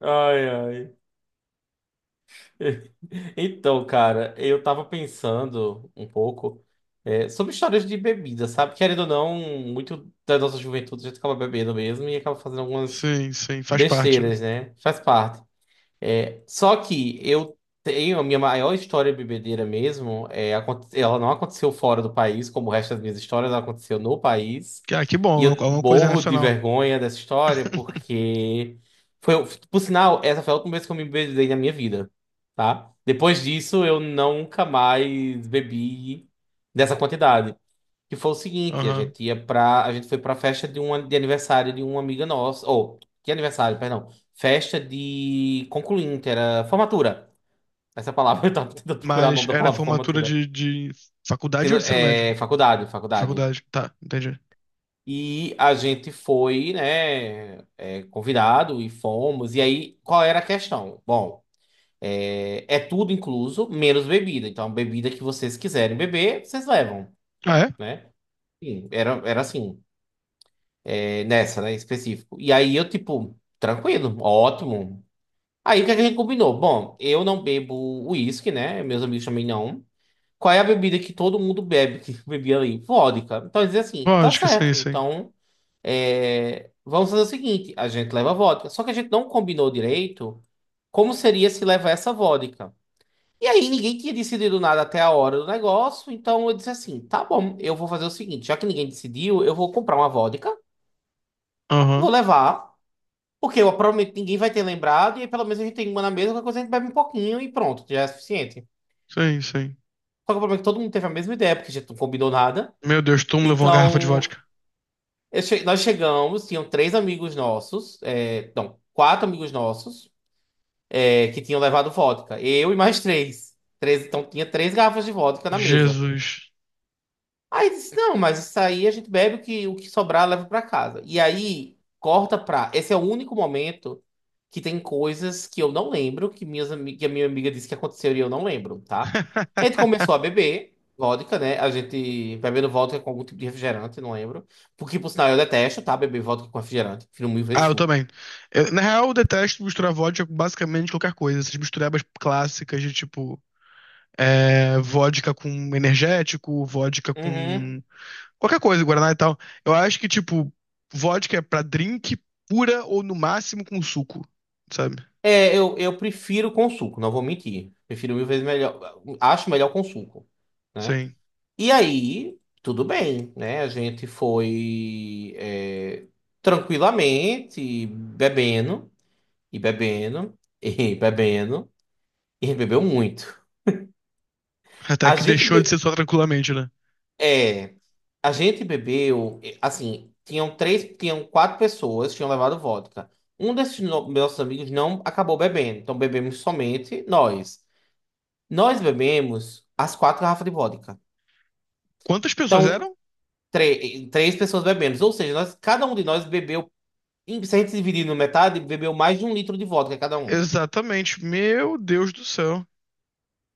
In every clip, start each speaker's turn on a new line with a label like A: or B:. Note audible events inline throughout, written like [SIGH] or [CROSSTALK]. A: Ai, ai. [LAUGHS] Então, cara, eu tava pensando um pouco sobre histórias de bebida, sabe? Querendo ou não, muito da nossa juventude a gente acaba bebendo mesmo e acaba fazendo algumas
B: Sim, sim, faz parte, né?
A: besteiras, né? Faz parte. É, só que eu tenho a minha maior história bebedeira mesmo. Ela não aconteceu fora do país, como o resto das minhas histórias, ela aconteceu no país.
B: Ah, que bom,
A: E
B: é uma
A: eu
B: é uma coisa
A: morro de
B: nacional.
A: vergonha dessa história,
B: [LAUGHS]
A: porque foi, por sinal, essa foi a última vez que eu me bebedei na minha vida, tá? Depois disso, eu nunca mais bebi dessa quantidade. Que foi o seguinte, a
B: Aham.
A: gente ia pra. A gente foi pra festa de aniversário de uma amiga nossa. Ou, que aniversário, perdão. Festa de concluinte, era formatura. Essa palavra, [LAUGHS] eu tava tentando procurar o
B: Mas
A: nome da
B: era
A: palavra
B: formatura
A: formatura.
B: de faculdade ou
A: Sendo-
B: de ensino médio?
A: É, faculdade,
B: De
A: faculdade.
B: faculdade, tá, entendi.
A: E a gente foi, né, convidado, e fomos. E aí, qual era a questão? Bom, é tudo incluso, menos bebida. Então, a bebida que vocês quiserem beber, vocês levam,
B: Ah, é?
A: né? Sim, era assim. Nessa, né, em específico. E aí eu, tipo, tranquilo, ótimo. Aí o que é que a gente combinou? Bom, eu não bebo uísque, né? Meus amigos também não. Qual é a bebida que todo mundo bebe, que [LAUGHS] bebia ali? Vodka. Então dizer assim, tá
B: Vodka, sim,
A: certo.
B: sim.
A: Então, vamos fazer o seguinte: a gente leva vodka. Só que a gente não combinou direito como seria se levar essa vodka. E aí ninguém tinha decidido nada até a hora do negócio. Então eu disse assim: tá bom, eu vou fazer o seguinte, já que ninguém decidiu, eu vou comprar uma vodka, vou
B: Aham.
A: levar. Porque eu, provavelmente ninguém vai ter lembrado, e aí pelo menos a gente tem uma na mesa, qualquer coisa a gente bebe um pouquinho e pronto, já é suficiente.
B: Sim, sim.
A: Só que o problema é que todo mundo teve a mesma ideia, porque a gente não combinou nada.
B: Meu Deus, tu me levou uma garrafa de
A: Então,
B: vodka.
A: nós chegamos, tinham três amigos nossos, é, não, quatro amigos nossos, que tinham levado vodka. Eu e mais três. Três, então tinha três garrafas de vodka na mesa.
B: Jesus.
A: Aí disse, não, mas isso aí a gente bebe o que sobrar leva pra casa. E aí corta pra. Esse é o único momento que tem coisas que eu não lembro, que a minha amiga disse que aconteceu e eu não lembro, tá? A gente
B: [LAUGHS]
A: começou a beber vodka, né? A gente bebendo vodka com algum tipo de refrigerante, não lembro. Porque, por sinal, eu detesto, tá? Beber vodka com refrigerante. Prefiro mil
B: Ah,
A: vezes
B: eu
A: suco.
B: também. Eu, na real, eu detesto misturar vodka com basicamente qualquer coisa. Essas misturebas clássicas de tipo, vodka com energético, vodka
A: Uhum.
B: com qualquer coisa, Guaraná e tal. Eu acho que, tipo, vodka é pra drink pura ou no máximo com suco, sabe?
A: Eu prefiro com suco, não vou mentir. Prefiro mil vezes melhor. Acho melhor com suco, né?
B: Sim.
A: E aí, tudo bem, né? A gente foi tranquilamente bebendo e bebendo [LAUGHS] e bebendo, e bebeu muito.
B: Até
A: A
B: que
A: gente
B: deixou de ser
A: be-
B: só tranquilamente, né?
A: é, a gente bebeu, assim, tinham três, tinham quatro pessoas que tinham levado vodka. Um desses nossos amigos não acabou bebendo, então bebemos somente nós. Nós bebemos as quatro garrafas de vodka.
B: Quantas pessoas
A: Então,
B: eram?
A: três pessoas bebemos, ou seja, nós, cada um de nós bebeu. E se a gente dividir na metade, bebeu mais de 1 litro de vodka cada um.
B: Exatamente. Meu Deus do céu.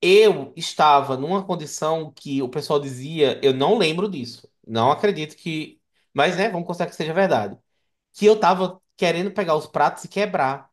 A: Eu estava numa condição que o pessoal dizia, eu não lembro disso. Não acredito que. Mas, né, vamos considerar que seja verdade. Que eu tava querendo pegar os pratos e quebrar.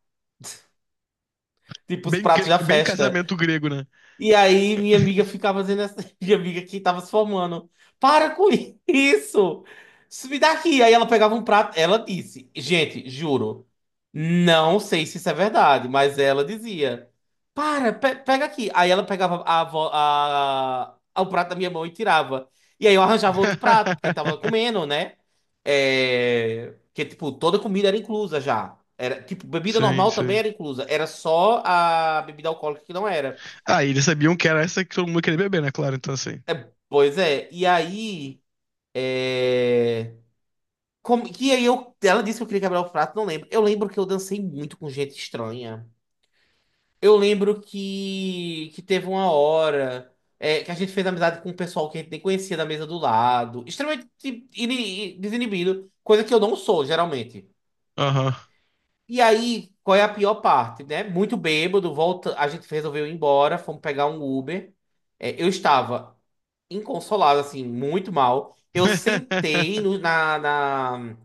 A: Tipo, os
B: Bem,
A: pratos da
B: bem
A: festa.
B: casamento grego, né?
A: E aí minha amiga ficava fazendo essa. [LAUGHS] Minha amiga que tava se formando. Para com isso! Isso me dá aqui. Aí ela pegava um prato. Ela disse, gente, juro, não sei se isso é verdade, mas ela dizia: para, pega aqui. Aí ela pegava a, vo- a- o prato da minha mão e tirava. E aí eu arranjava outro prato, porque tava
B: [LAUGHS]
A: comendo, né? Porque, tipo, toda comida era inclusa já. Era, tipo, bebida
B: Sim,
A: normal também
B: sim.
A: era inclusa. Era só a bebida alcoólica que não era.
B: Ah, e eles sabiam que era essa que todo mundo queria beber, né? Claro, então assim.
A: Pois é, e aí. É... Como... E aí eu... Ela disse que eu queria quebrar o prato, não lembro. Eu lembro que eu dancei muito com gente estranha. Eu lembro que, teve uma hora, que a gente fez amizade com um pessoal que a gente nem conhecia da mesa do lado. Extremamente desinibido, coisa que eu não sou, geralmente.
B: Aham.
A: E aí, qual é a pior parte, né? Muito bêbado, volta, a gente resolveu ir embora, fomos pegar um Uber. Eu estava inconsolável, assim, muito mal. Eu sentei
B: [LAUGHS]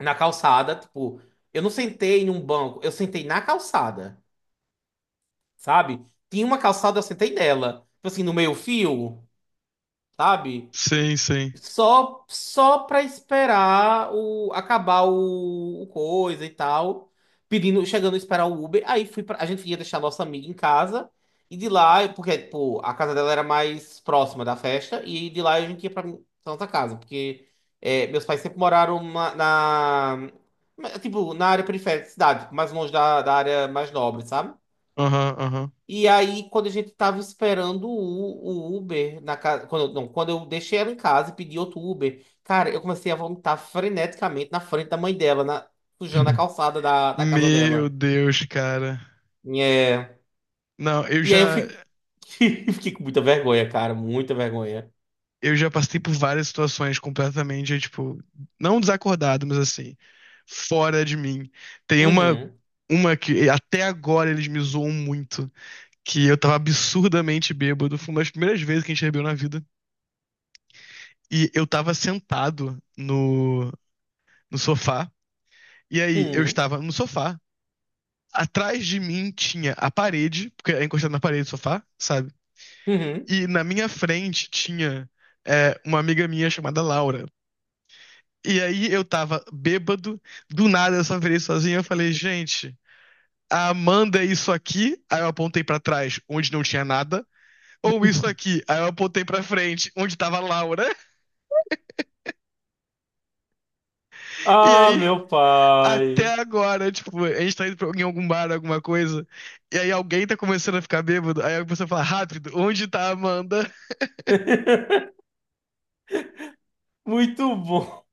A: na calçada, tipo, eu não sentei num banco, eu sentei na calçada, sabe? Tinha uma calçada, eu sentei nela. Tipo assim, no meio fio, sabe?
B: Sim, sim.
A: Só pra acabar o coisa e tal. Pedindo, chegando a esperar o Uber. A gente ia deixar a nossa amiga em casa. E de lá, porque, tipo, a casa dela era mais próxima da festa. E de lá a gente ia pra pra nossa casa. Porque meus pais sempre moraram tipo, na área periférica da cidade. Mais longe da área mais nobre, sabe?
B: Aham, aham.
A: E aí, quando a gente tava esperando o Uber na casa. Quando, eu- não, quando eu deixei ela em casa e pedi outro Uber, cara, eu comecei a vomitar freneticamente na frente da mãe dela, sujando a
B: [LAUGHS]
A: calçada da casa
B: Meu
A: dela.
B: Deus, cara.
A: É.
B: Não, eu
A: E aí eu
B: já.
A: fiquei, [LAUGHS] fiquei com muita vergonha, cara, muita vergonha.
B: Eu já passei por várias situações completamente, tipo, não desacordado, mas assim, fora de mim. Tem
A: Uhum,
B: uma que até agora eles me zoam muito, que eu tava absurdamente bêbado, foi uma das primeiras vezes que a gente bebeu na vida, e eu tava sentado no sofá, e aí eu
A: uhum,
B: estava no sofá, atrás de mim tinha a parede, porque é encostado na parede do sofá, sabe?
A: uhum.
B: E na minha frente tinha uma amiga minha chamada Laura. E aí eu tava bêbado, do nada eu só virei sozinho. Eu falei, gente, a Amanda é isso aqui. Aí eu apontei pra trás, onde não tinha nada. Ou isso aqui. Aí eu apontei pra frente, onde tava a Laura. E
A: Ah,
B: aí,
A: meu pai.
B: até agora, tipo, a gente tá indo pra, em algum bar, alguma coisa. E aí alguém tá começando a ficar bêbado. Aí a pessoa fala, rápido, onde tá a Amanda?
A: Muito bom.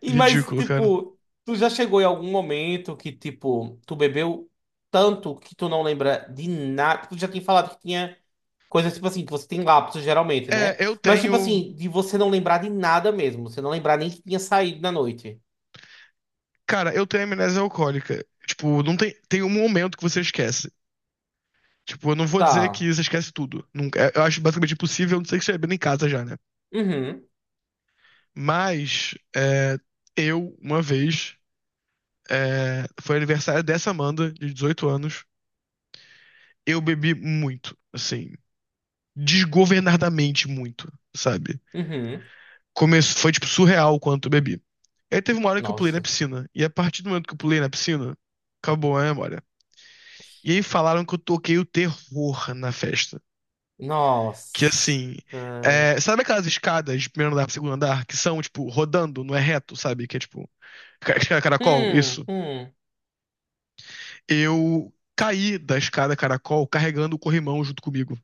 A: Mas,
B: Ridículo, cara.
A: tipo, tu já chegou em algum momento que, tipo, tu bebeu tanto que tu não lembra de nada? Tu já tinha falado que tinha coisas, tipo assim, que você tem lapsos geralmente,
B: É,
A: né?
B: eu
A: Mas, tipo
B: tenho.
A: assim, de você não lembrar de nada mesmo. Você não lembrar nem que tinha saído na noite.
B: Cara, eu tenho amnésia alcoólica. Tipo, não tem, tem um momento que você esquece. Tipo, eu não vou dizer
A: Tá.
B: que você esquece tudo. Nunca, é, eu acho basicamente impossível, a não ser que você bebendo em casa já, né?
A: Uhum.
B: Mas é, eu, uma vez, foi aniversário dessa Amanda, de 18 anos, eu bebi muito, assim, desgovernadamente muito, sabe?
A: Uhum.
B: Começo, foi, tipo, surreal o quanto eu bebi. Aí teve uma hora que eu pulei na
A: Nossa.
B: piscina, e a partir do momento que eu pulei na piscina, acabou a memória. E aí falaram que eu toquei o terror na festa. Que
A: Nossa.
B: assim. É, sabe aquelas escadas de primeiro andar pro segundo andar que são, tipo, rodando, não é reto, sabe? Que é tipo. Escada caracol?
A: Hum,
B: Isso.
A: hum.
B: Eu caí da escada caracol carregando o corrimão junto comigo.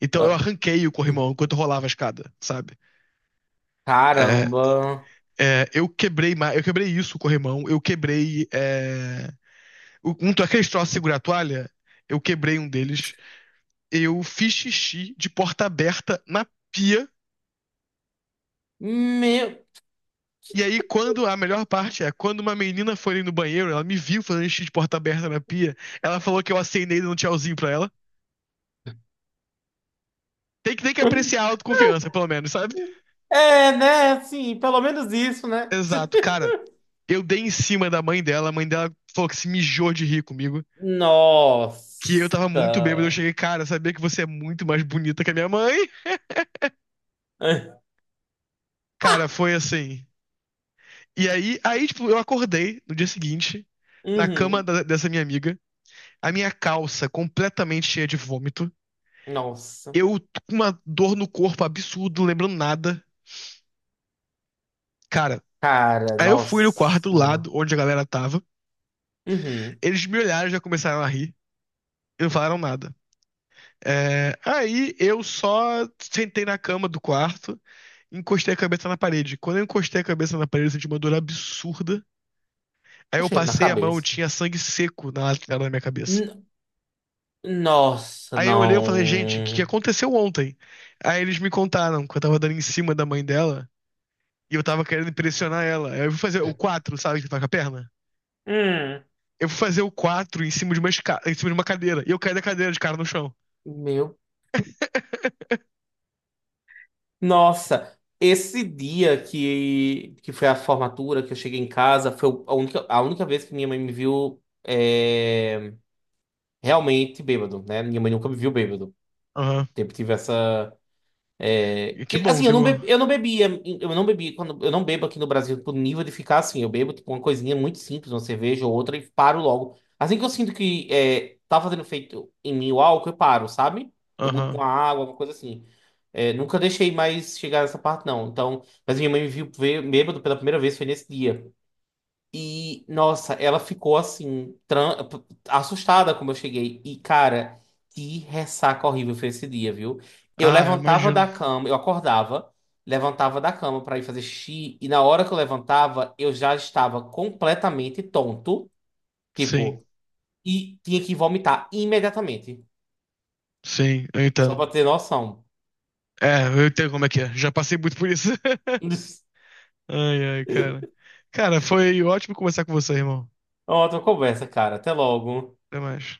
B: Então eu
A: Ah,
B: arranquei o corrimão enquanto eu rolava a escada, sabe? É,
A: caramba.
B: é, eu quebrei isso, o corrimão. Eu quebrei. É, aqueles troços de segurar a toalha, eu quebrei um deles. Eu fiz xixi de porta aberta na pia.
A: Meu.
B: E aí, quando a melhor parte é, quando uma menina foi ali no banheiro, ela me viu fazendo xixi de porta aberta na pia, ela falou que eu acenei dando um tchauzinho pra ela. Tem que apreciar a autoconfiança, pelo menos, sabe?
A: É, né? Assim, pelo menos isso, né?
B: Exato,
A: [LAUGHS]
B: cara. Eu dei em cima da mãe dela, a mãe dela falou que se mijou de rir comigo, que eu tava
A: Nossa.
B: muito bêbado. Eu cheguei, cara, sabia que você é muito mais bonita que a minha mãe?
A: Ah,
B: Cara, foi assim. E aí, tipo, eu acordei no dia seguinte, na cama
A: uhum.
B: dessa minha amiga, a minha calça completamente cheia de vômito.
A: Nossa.
B: Eu com uma dor no corpo absurdo, não lembrando nada. Cara,
A: Cara,
B: aí eu fui no quarto do lado,
A: nossa.
B: onde a galera tava.
A: Uhum.
B: Eles me olharam e já começaram a rir. E não falaram nada. É, aí eu só sentei na cama do quarto, encostei a cabeça na parede. Quando eu encostei a cabeça na parede, eu senti uma dor absurda. Aí eu
A: Achei na
B: passei a mão,
A: cabeça.
B: tinha sangue seco na lateral da minha cabeça.
A: N- Nossa,
B: Aí eu olhei e falei, gente, o que que
A: não.
B: aconteceu ontem? Aí eles me contaram que eu tava dando em cima da mãe dela e eu tava querendo impressionar ela. Aí eu fui fazer o quatro, sabe, que faz com a perna?
A: Hum.
B: Eu fui fazer o 4 em cima de uma, em cima de uma cadeira. E eu caí da cadeira de cara no chão.
A: Meu.
B: [LAUGHS]
A: Nossa. Esse dia que foi a formatura, que eu cheguei em casa, foi a única vez que minha mãe me viu, realmente bêbado, né? Minha mãe nunca me viu bêbado.
B: Aham.
A: Sempre tive essa.
B: E que
A: Que,
B: bom,
A: assim,
B: que
A: eu não,
B: bom.
A: be, eu não bebia, eu não bebo aqui no Brasil por nível de ficar assim. Eu bebo tipo, uma coisinha muito simples, uma cerveja ou outra, e paro logo. Assim que eu sinto que tá fazendo efeito em mim o álcool, eu paro, sabe? Eu mudo com a
B: Aham.
A: água, alguma coisa assim. É, nunca deixei mais chegar nessa parte, não. Então, mas minha mãe me viu bêbado pela primeira vez, foi nesse dia. E, nossa, ela ficou assim, assustada como eu cheguei. E, cara, que ressaca horrível foi esse dia, viu? Eu
B: Ah, eu
A: levantava
B: imagino.
A: da cama, eu acordava, levantava da cama pra ir fazer xixi, e na hora que eu levantava, eu já estava completamente tonto,
B: Sim,
A: tipo, e tinha que vomitar imediatamente.
B: sim, eu
A: Só
B: entendo.
A: pra ter noção.
B: É, eu entendo como é que é. Já passei muito por isso. [LAUGHS] Ai, ai, cara. Cara, foi ótimo conversar com você, irmão.
A: [LAUGHS] Outra conversa, cara. Até logo.
B: Até mais.